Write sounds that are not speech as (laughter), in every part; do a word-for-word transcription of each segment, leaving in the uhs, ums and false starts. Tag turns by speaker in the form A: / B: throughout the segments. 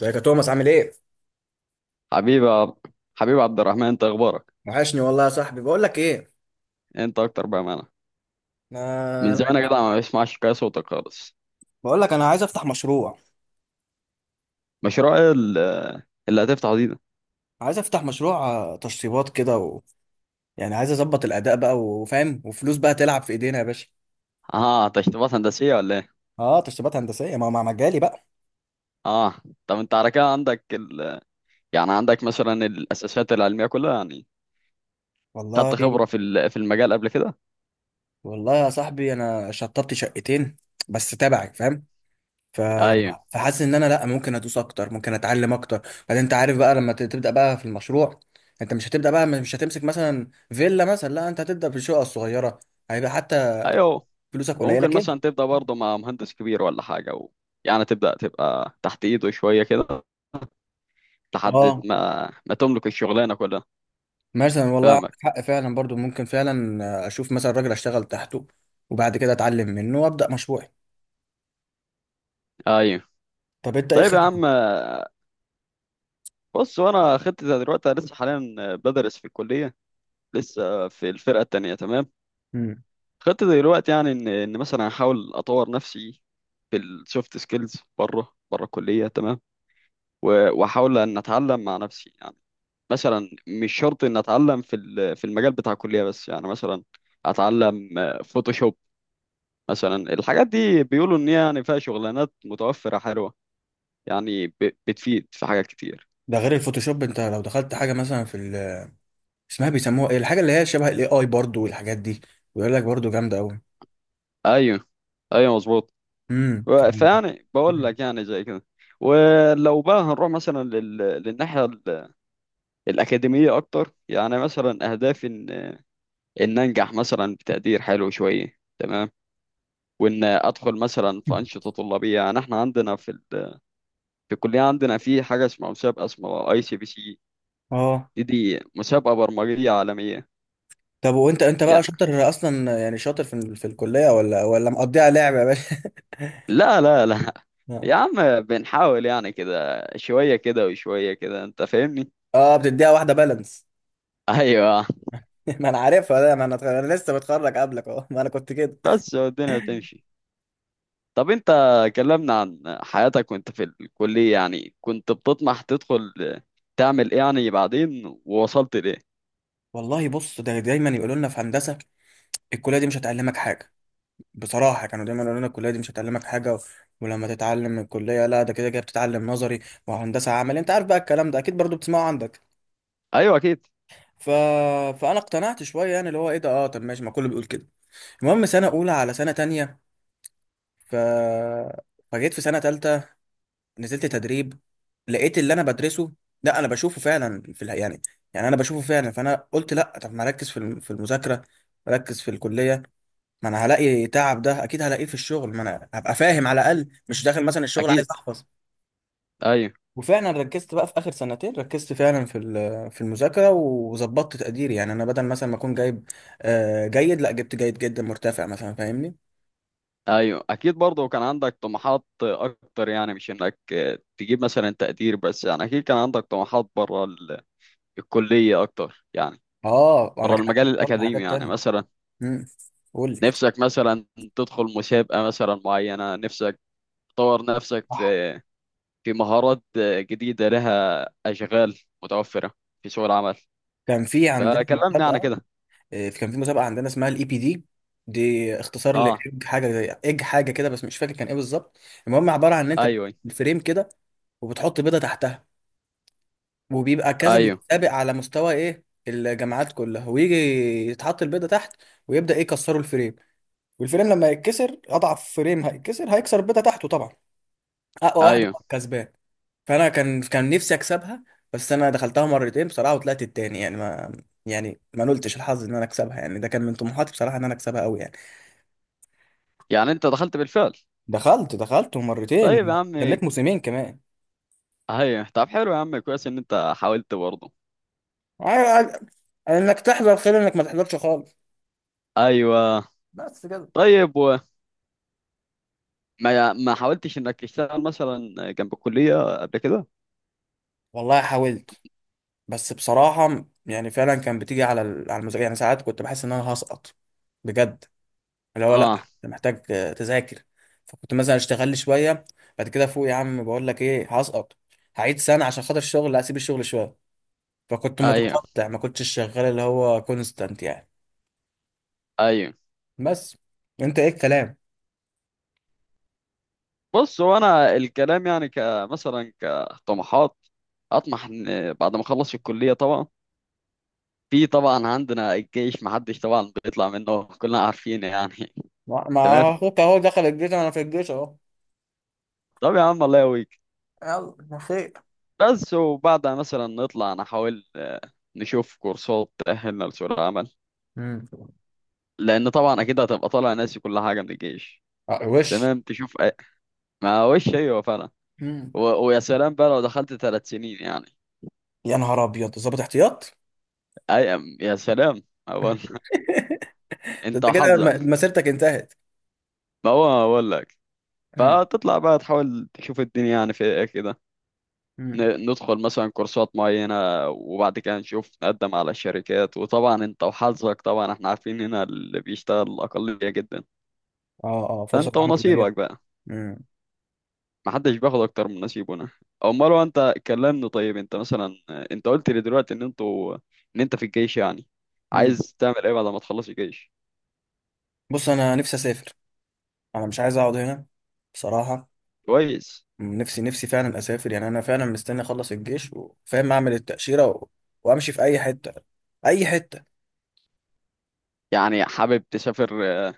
A: ازيك يا توماس عامل ايه؟
B: حبيبي عب- حبيبي عبد الرحمن، انت اخبارك؟
A: وحشني والله يا صاحبي. بقول لك ايه؟
B: انت اكتر بقى معنا. من
A: انا.
B: زمان يا جدع ما بسمعش كده صوتك خالص.
A: بقول لك انا عايز افتح مشروع
B: مشروع ايه ال- اللي هتفتحه دي ده؟
A: عايز افتح مشروع آه، تشطيبات كده و... يعني عايز اظبط الاداء بقى، وفاهم، وفلوس بقى تلعب في ايدينا يا باشا.
B: اه، تشطيبات هندسيه ولا ايه؟
A: اه، تشطيبات هندسيه ما مع مجالي بقى.
B: اه. طب انت على كده عندك ال... يعني عندك مثلا الاساسات العلميه كلها، يعني
A: والله.
B: خدت خبره في ال- في المجال قبل كده؟
A: والله يا صاحبي، انا شطبت شقتين بس تبعي، فاهم؟ ف...
B: ايوه.
A: فحاسس ان انا لا، ممكن ادوس اكتر، ممكن اتعلم اكتر. بعدين انت عارف بقى، لما ت- تبدا بقى في المشروع، انت مش هتبدا بقى، مش هتمسك مثلا فيلا مثلا، لا انت هتبدا بالشقه الصغيره. هيبقى حتى
B: ايوه.
A: فلوسك قليله
B: وممكن
A: كده.
B: مثلا تبدا برضه مع مهندس كبير ولا حاجه، و... يعني تبدا تبقى تحت ايده شويه كده لحد
A: اه،
B: ما ما تملك الشغلانه كلها.
A: مثلا والله عندك
B: فاهمك.
A: حق فعلا، برضو ممكن فعلا آه، اشوف مثلا راجل اشتغل تحته، وبعد كده اتعلم منه وابدا مشروعي.
B: ايوه.
A: طب انت ايه
B: طيب يا
A: خطتك؟
B: عم، بص. وانا خطتي زي دلوقتي، أنا لسه حاليا بدرس في الكليه، لسه في الفرقه التانيه، تمام.
A: مم.
B: خطتي دلوقتي يعني ان ان مثلا احاول اطور نفسي في السوفت سكيلز بره بره الكليه، تمام. و- واحاول ان اتعلم مع نفسي يعني. مثلا مش شرط ان اتعلم في ال- في المجال بتاع الكليه، بس يعني مثلا اتعلم فوتوشوب. مثلا الحاجات دي بيقولوا ان هي يعني فيها شغلانات متوفره حلوه، يعني ب- بتفيد في حاجات كتير.
A: ده غير الفوتوشوب، انت لو دخلت حاجه مثلا في ال- اسمها، بيسموها ايه الحاجه اللي هي شبه الاي اي برضو، والحاجات دي، ويقول لك برضو جامده قوي.
B: ايوه. ايوه، مظبوط.
A: امم.
B: و- فيعني بقول لك يعني زي كده. ولو بقى هنروح مثلا لل... للناحية ال- الأكاديمية أكتر، يعني مثلا أهدافي إن إن أنجح مثلا بتقدير حلو شوية، تمام. وإن أدخل مثلا في أنشطة طلابية، يعني إحنا عندنا في ال... في الكلية عندنا في حاجة اسمها مسابقة، اسمها أي سي بي سي.
A: اه،
B: دي دي مسابقة برمجية عالمية.
A: طب وانت انت
B: يا
A: بقى شاطر اصلا؟ يعني شاطر في في الكليه، ولا ولا مقضيها لعب يا باشا؟
B: لا، لا، لا. (laughs) يا
A: (laughs)
B: عم بنحاول يعني كده شوية كده وشوية كده، أنت فاهمني؟
A: اه، بتديها واحده بالانس.
B: (laughs) أيوه.
A: (laughs) ما انا عارفها ده، ما انا أنا لسه متخرج قبلك اهو، ما انا كنت كده.
B: بس الدنيا بتمشي. طب انت كلمنا عن حياتك وانت في الكلية، يعني كنت بتطمح تدخل تعمل ايه يعني بعدين، ووصلت لايه؟
A: والله بص، ده دايما يقولوا لنا في هندسه، الكليه دي مش هتعلمك حاجه. بصراحه كانوا دايما يقولوا لنا الكليه دي مش هتعلمك حاجه، و- ولما تتعلم من الكليه، لا ده كده كده بتتعلم نظري، وهندسه عملي. انت عارف بقى الكلام ده اكيد، برضو بتسمعه عندك.
B: ايوه. اكيد،
A: ف... فانا اقتنعت شويه، يعني اللي هو ايه ده، اه طب ماشي، ما كله بيقول كده. المهم سنه اولى على سنه تانية، ف فجيت في سنه تالتة، نزلت تدريب، لقيت اللي انا بدرسه، لا انا بشوفه فعلا في الح... يعني، يعني انا بشوفه فعلا. فانا قلت لا، طب ما اركز في الم- في المذاكره، ركز في الكليه. ما انا هلاقي تعب، ده اكيد هلاقيه في الشغل، ما انا هبقى فاهم على الاقل، مش داخل مثلا الشغل
B: اكيد.
A: عايز احفظ.
B: ايوه.
A: وفعلا ركزت بقى في اخر سنتين، ركزت فعلا في ال- في المذاكره، وظبطت تقديري. يعني انا بدل مثلا ما اكون جايب آه، جيد، لا جبت جيد جدا مرتفع مثلا، فاهمني.
B: ايوه، اكيد برضه كان عندك طموحات اكتر، يعني مش انك تجيب مثلا تقدير بس. يعني اكيد كان عندك طموحات بره ال- الكلية اكتر يعني،
A: اه، انا
B: بره
A: كان
B: المجال
A: عندي برضه
B: الاكاديمي،
A: حاجات
B: يعني
A: تانية.
B: مثلا
A: امم قول لي.
B: نفسك مثلا تدخل مسابقة مثلا معينة، نفسك تطور نفسك
A: صح.
B: في في مهارات جديدة لها أشغال متوفرة في سوق العمل،
A: كان في عندنا
B: فكلمني عن
A: مسابقه.
B: كده.
A: آه، كان في مسابقه عندنا اسمها الاي بي دي. دي اختصار
B: اه.
A: لاج حاجه زي اج حاجه كده، بس مش فاكر كان ايه بالظبط. المهم عباره عن ان انت
B: ايوه.
A: بتعمل فريم كده، وبتحط بيضه تحتها، وبيبقى كذا
B: ايوه.
A: متسابق على مستوى ايه الجامعات كلها، ويجي يتحط البيضه تحت، ويبدا ايه يكسروا الفريم. والفريم لما يتكسر، اضعف فريم هيتكسر هيكسر البيضه تحته طبعا. اقوى واحد
B: ايوه.
A: هو الكسبان. فانا كان كان نفسي اكسبها، بس انا دخلتها مرتين بصراحه وطلعت التاني. يعني ما يعني ما نلتش الحظ ان انا اكسبها، يعني ده كان من طموحاتي بصراحه، ان انا اكسبها قوي يعني.
B: يعني انت دخلت بالفعل.
A: دخلت دخلت
B: طيب
A: مرتين،
B: يا عم.
A: جنيت موسمين كمان.
B: ايوه، طب حلو يا عم، كويس ان انت حاولت برضه.
A: ع- ع- انك تحضر خير، انك ما تحضرش خالص.
B: ايوه.
A: بس كده.
B: طيب، وما ما حاولتش انك تشتغل مثلا جنب الكلية قبل كده؟
A: والله حاولت، بس بصراحة يعني فعلا كان بتيجي على ال- على المذاكرة. يعني ساعات كنت بحس إن أنا هسقط بجد، اللي هو لأ،
B: اه.
A: أنت محتاج آه، تذاكر. فكنت مثلا أشتغل لي شوية، بعد كده فوق يا عم، بقول لك إيه هسقط، هعيد سنة عشان خاطر الشغل. لا أسيب الشغل شوية. فكنت
B: ايوه.
A: متقطع، ما كنتش شغال اللي هو كونستانت يعني.
B: ايوه.
A: بس. أنت إيه الكلام؟
B: بص هو انا الكلام يعني كمثلا كطموحات اطمح ان بعد ما اخلص الكلية طبعا. في طبعا عندنا الجيش محدش طبعا بيطلع منه، كلنا عارفين يعني. (laughs)
A: ما
B: تمام.
A: ما أخوك أهو دخل الجيش، أنا في الجيش أهو.
B: طب يا عم، الله يقويك.
A: يلا ما خير.
B: بس وبعدها مثلا نطلع نحاول آه، نشوف كورسات تأهلنا لسوق العمل،
A: مم.
B: لأن طبعا أكيد هتبقى طالع ناسي كل حاجة من الجيش.
A: آه، وش.
B: تمام. تشوف أي... ما وش، أيوه فعلا.
A: مم.
B: و... ويا سلام بقى لو دخلت ثلاث سنين يعني.
A: يا نهار أبيض، ظابط احتياط!
B: أي، يا سلام أقول.
A: (laughs)
B: (laughs)
A: ده
B: أنت
A: أنت كده م-
B: وحظك.
A: مسيرتك انتهت.
B: ما هو أقول لك.
A: امم.
B: فتطلع بقى تحاول تشوف الدنيا يعني في إيه كده.
A: امم.
B: ن- ندخل مثلا كورسات معينة، وبعد كده نشوف نقدم على الشركات. وطبعا انت وحظك، طبعا احنا عارفين هنا اللي بيشتغل أقلية جدا،
A: اه، اه، فرصة
B: فانت
A: العمل قليلة.
B: ونصيبك بقى.
A: امم.
B: محدش بياخد اكتر من نصيبه هنا. امال هو انت كلمني، طيب انت مثلا، انت قلت لي دلوقتي ان انتوا ان انت في الجيش يعني،
A: امم.
B: عايز تعمل ايه بعد ما تخلص الجيش؟
A: بص انا نفسي اسافر، انا مش عايز اقعد هنا بصراحه.
B: كويس.
A: مم، نفسي نفسي فعلا اسافر، يعني انا فعلا مستني اخلص الجيش وفاهم اعمل التاشيره و... وامشي في اي حته، اي حته.
B: يعني حابب تسافر آه،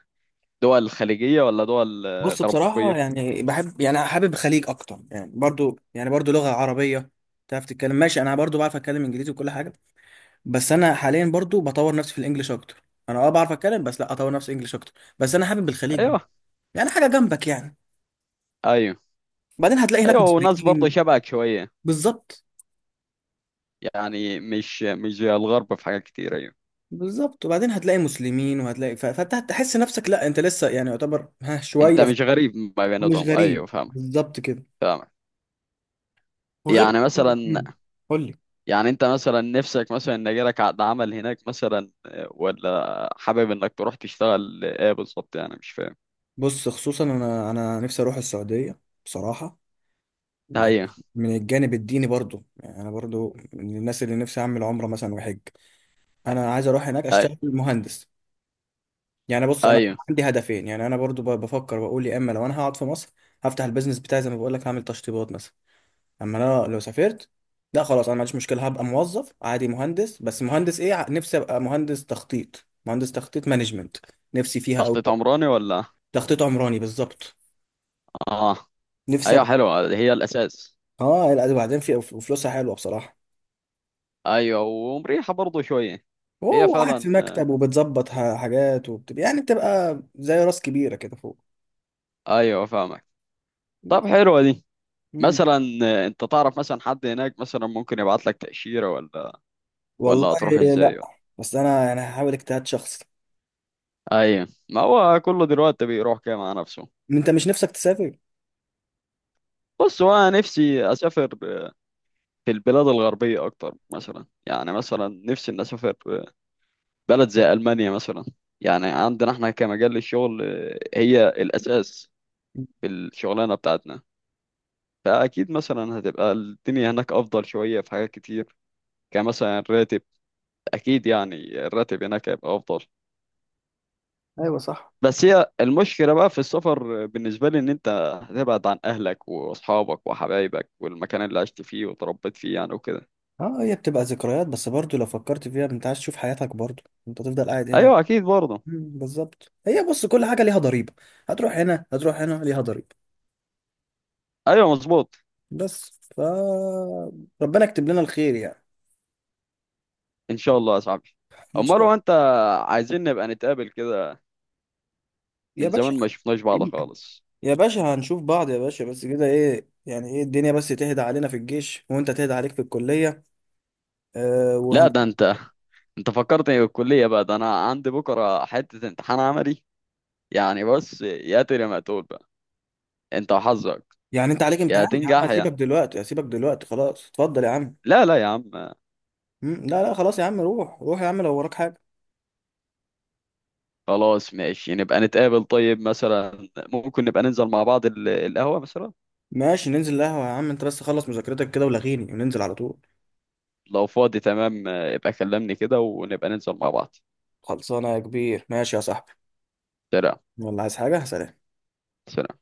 B: دول خليجية ولا دول آه،
A: بص بصراحه،
B: غربية؟
A: يعني بحب، يعني حابب الخليج اكتر يعني برضو يعني برضو لغه عربيه تعرف تتكلم، ماشي. انا برضو بعرف اتكلم انجليزي وكل حاجه، بس انا حاليا برضو بطور نفسي في الانجليش اكتر. انا اه بعرف اتكلم، بس لا اطور نفسي انجليش اكتر. بس انا حابب الخليج،
B: ايوه.
A: يعني حاجه جنبك يعني.
B: ايوه.
A: بعدين هتلاقي هناك
B: ايوه. وناس
A: مسيحيين.
B: برضه شبهك شوية.
A: بالظبط.
B: يعني مش مش زي الغرب في حاجات كتير، ايوه.
A: بالظبط، وبعدين هتلاقي مسلمين وهتلاقي، ف- فانت هتحس نفسك لا انت لسه يعني يعتبر ها
B: انت
A: شويه ف-
B: مش غريب ما
A: مش
B: بيناتهم،
A: غريب
B: ايوه فاهمك.
A: بالظبط كده.
B: فاهمك.
A: وغير.
B: يعني مثلا،
A: مم. قول لي.
B: يعني انت مثلا نفسك مثلا ان يجيلك عقد عمل هناك مثلا، آه، ولا حابب انك تروح تشتغل ايه بالظبط؟ يعني مش فاهم.
A: بص خصوصا انا انا نفسي اروح السعوديه بصراحه،
B: ايوه.
A: من الجانب الديني برضو. يعني انا برضو من الناس اللي نفسي اعمل عمره مثلا وحج. انا عايز اروح هناك
B: أي-
A: اشتغل مهندس. يعني بص انا
B: ايوه،
A: عندي هدفين. يعني انا برضو ب- بفكر واقول، يا اما لو انا هقعد في مصر هفتح البيزنس بتاعي زي ما بقول لك، هعمل تشطيبات مثلا. اما انا لو سافرت، لا خلاص انا ما عنديش مشكله، هبقى موظف عادي مهندس. بس مهندس ايه؟ ع- نفسي ابقى مهندس تخطيط، مهندس تخطيط مانجمنت، نفسي فيها قوي.
B: تخطيط عمراني ولا؟
A: تخطيط عمراني بالظبط.
B: اه.
A: نفسي
B: ايوه،
A: ابقى.
B: حلوه هي الاساس.
A: اه لا، ده بعدين، في وفلوسها حلوه بصراحه.
B: ايوه، ومريحه برضه شويه. هي
A: وهو قاعد في
B: فعلا، آه،
A: مكتب، وبتظبط ح- حاجات، وبتبقى يعني بتبقى زي راس كبيره كده فوق.
B: ايوه فاهمك. طب حلوه دي.
A: مم.
B: مثلا آه، انت تعرف مثلا حد هناك مثلا ممكن يبعت لك تأشيرة ولا ولا
A: والله.
B: هتروح ازاي
A: لا،
B: ولا؟
A: بس انا انا هحاول اجتهاد شخصي.
B: ايوه. ما هو كله دلوقتي بيروح كده مع نفسه.
A: انت مش نفسك تسافر؟
B: بص هو انا نفسي اسافر في البلاد الغربيه اكتر مثلا، يعني مثلا نفسي ان اسافر بلد زي المانيا مثلا. يعني عندنا احنا كمجال الشغل، هي الاساس في الشغلانه بتاعتنا، فاكيد مثلا هتبقى الدنيا هناك افضل شويه في حاجات كتير، كمثلا الراتب. اكيد، يعني الراتب هناك هيبقى افضل.
A: ايوه صح.
B: بس هي المشكلة بقى في السفر بالنسبة لي، إن أنت هتبعد عن أهلك وأصحابك وحبايبك والمكان اللي عشت فيه وتربيت فيه يعني، وكده.
A: اه، هي بتبقى ذكريات، بس برضو لو فكرت فيها، انت عايز تشوف حياتك برضو، انت تفضل قاعد هنا.
B: أيوه أكيد برضه.
A: مم، بالظبط. هي بص، كل حاجة ليها ضريبة، هتروح هنا هتروح هنا ليها ضريبة.
B: أيوه مظبوط.
A: بس ف ربنا يكتب لنا الخير يعني.
B: إن شاء الله يا صاحبي.
A: ان شاء
B: أمال
A: الله.
B: هو أنت، عايزين نبقى نتقابل كده،
A: يا
B: من
A: باشا،
B: زمان ما شفناش بعض خالص.
A: يا باشا هنشوف بعض يا باشا، بس كده ايه يعني، ايه الدنيا بس تهدى علينا في الجيش وانت تهدى عليك في الكلية. آه وهن...
B: لا، ده أنت أنت فكرتني بالكلية بقى، ده أنا عندي بكرة حتة امتحان عملي. يعني بص يا ترى، ما تقول بقى، أنت وحظك،
A: يعني انت عليك
B: يا
A: امتحان يا عم،
B: تنجح يا،
A: هسيبك دلوقتي، هسيبك دلوقتي خلاص. اتفضل يا عم.
B: لا، لا يا عم.
A: مم، لا لا خلاص يا عم، روح روح يا عم لو وراك حاجة.
B: خلاص ماشي، نبقى نتقابل، طيب مثلا ممكن نبقى ننزل مع بعض ال- القهوة مثلا،
A: ماشي ننزل القهوة يا عم، انت بس خلص مذاكرتك كده ولغيني وننزل على طول.
B: لو فاضي تمام، آه، يبقى كلمني كده ونبقى ننزل مع بعض.
A: خلصانة يا كبير، ماشي يا صاحبي.
B: سلام.
A: والله عايز حاجة، سلام.
B: سلام.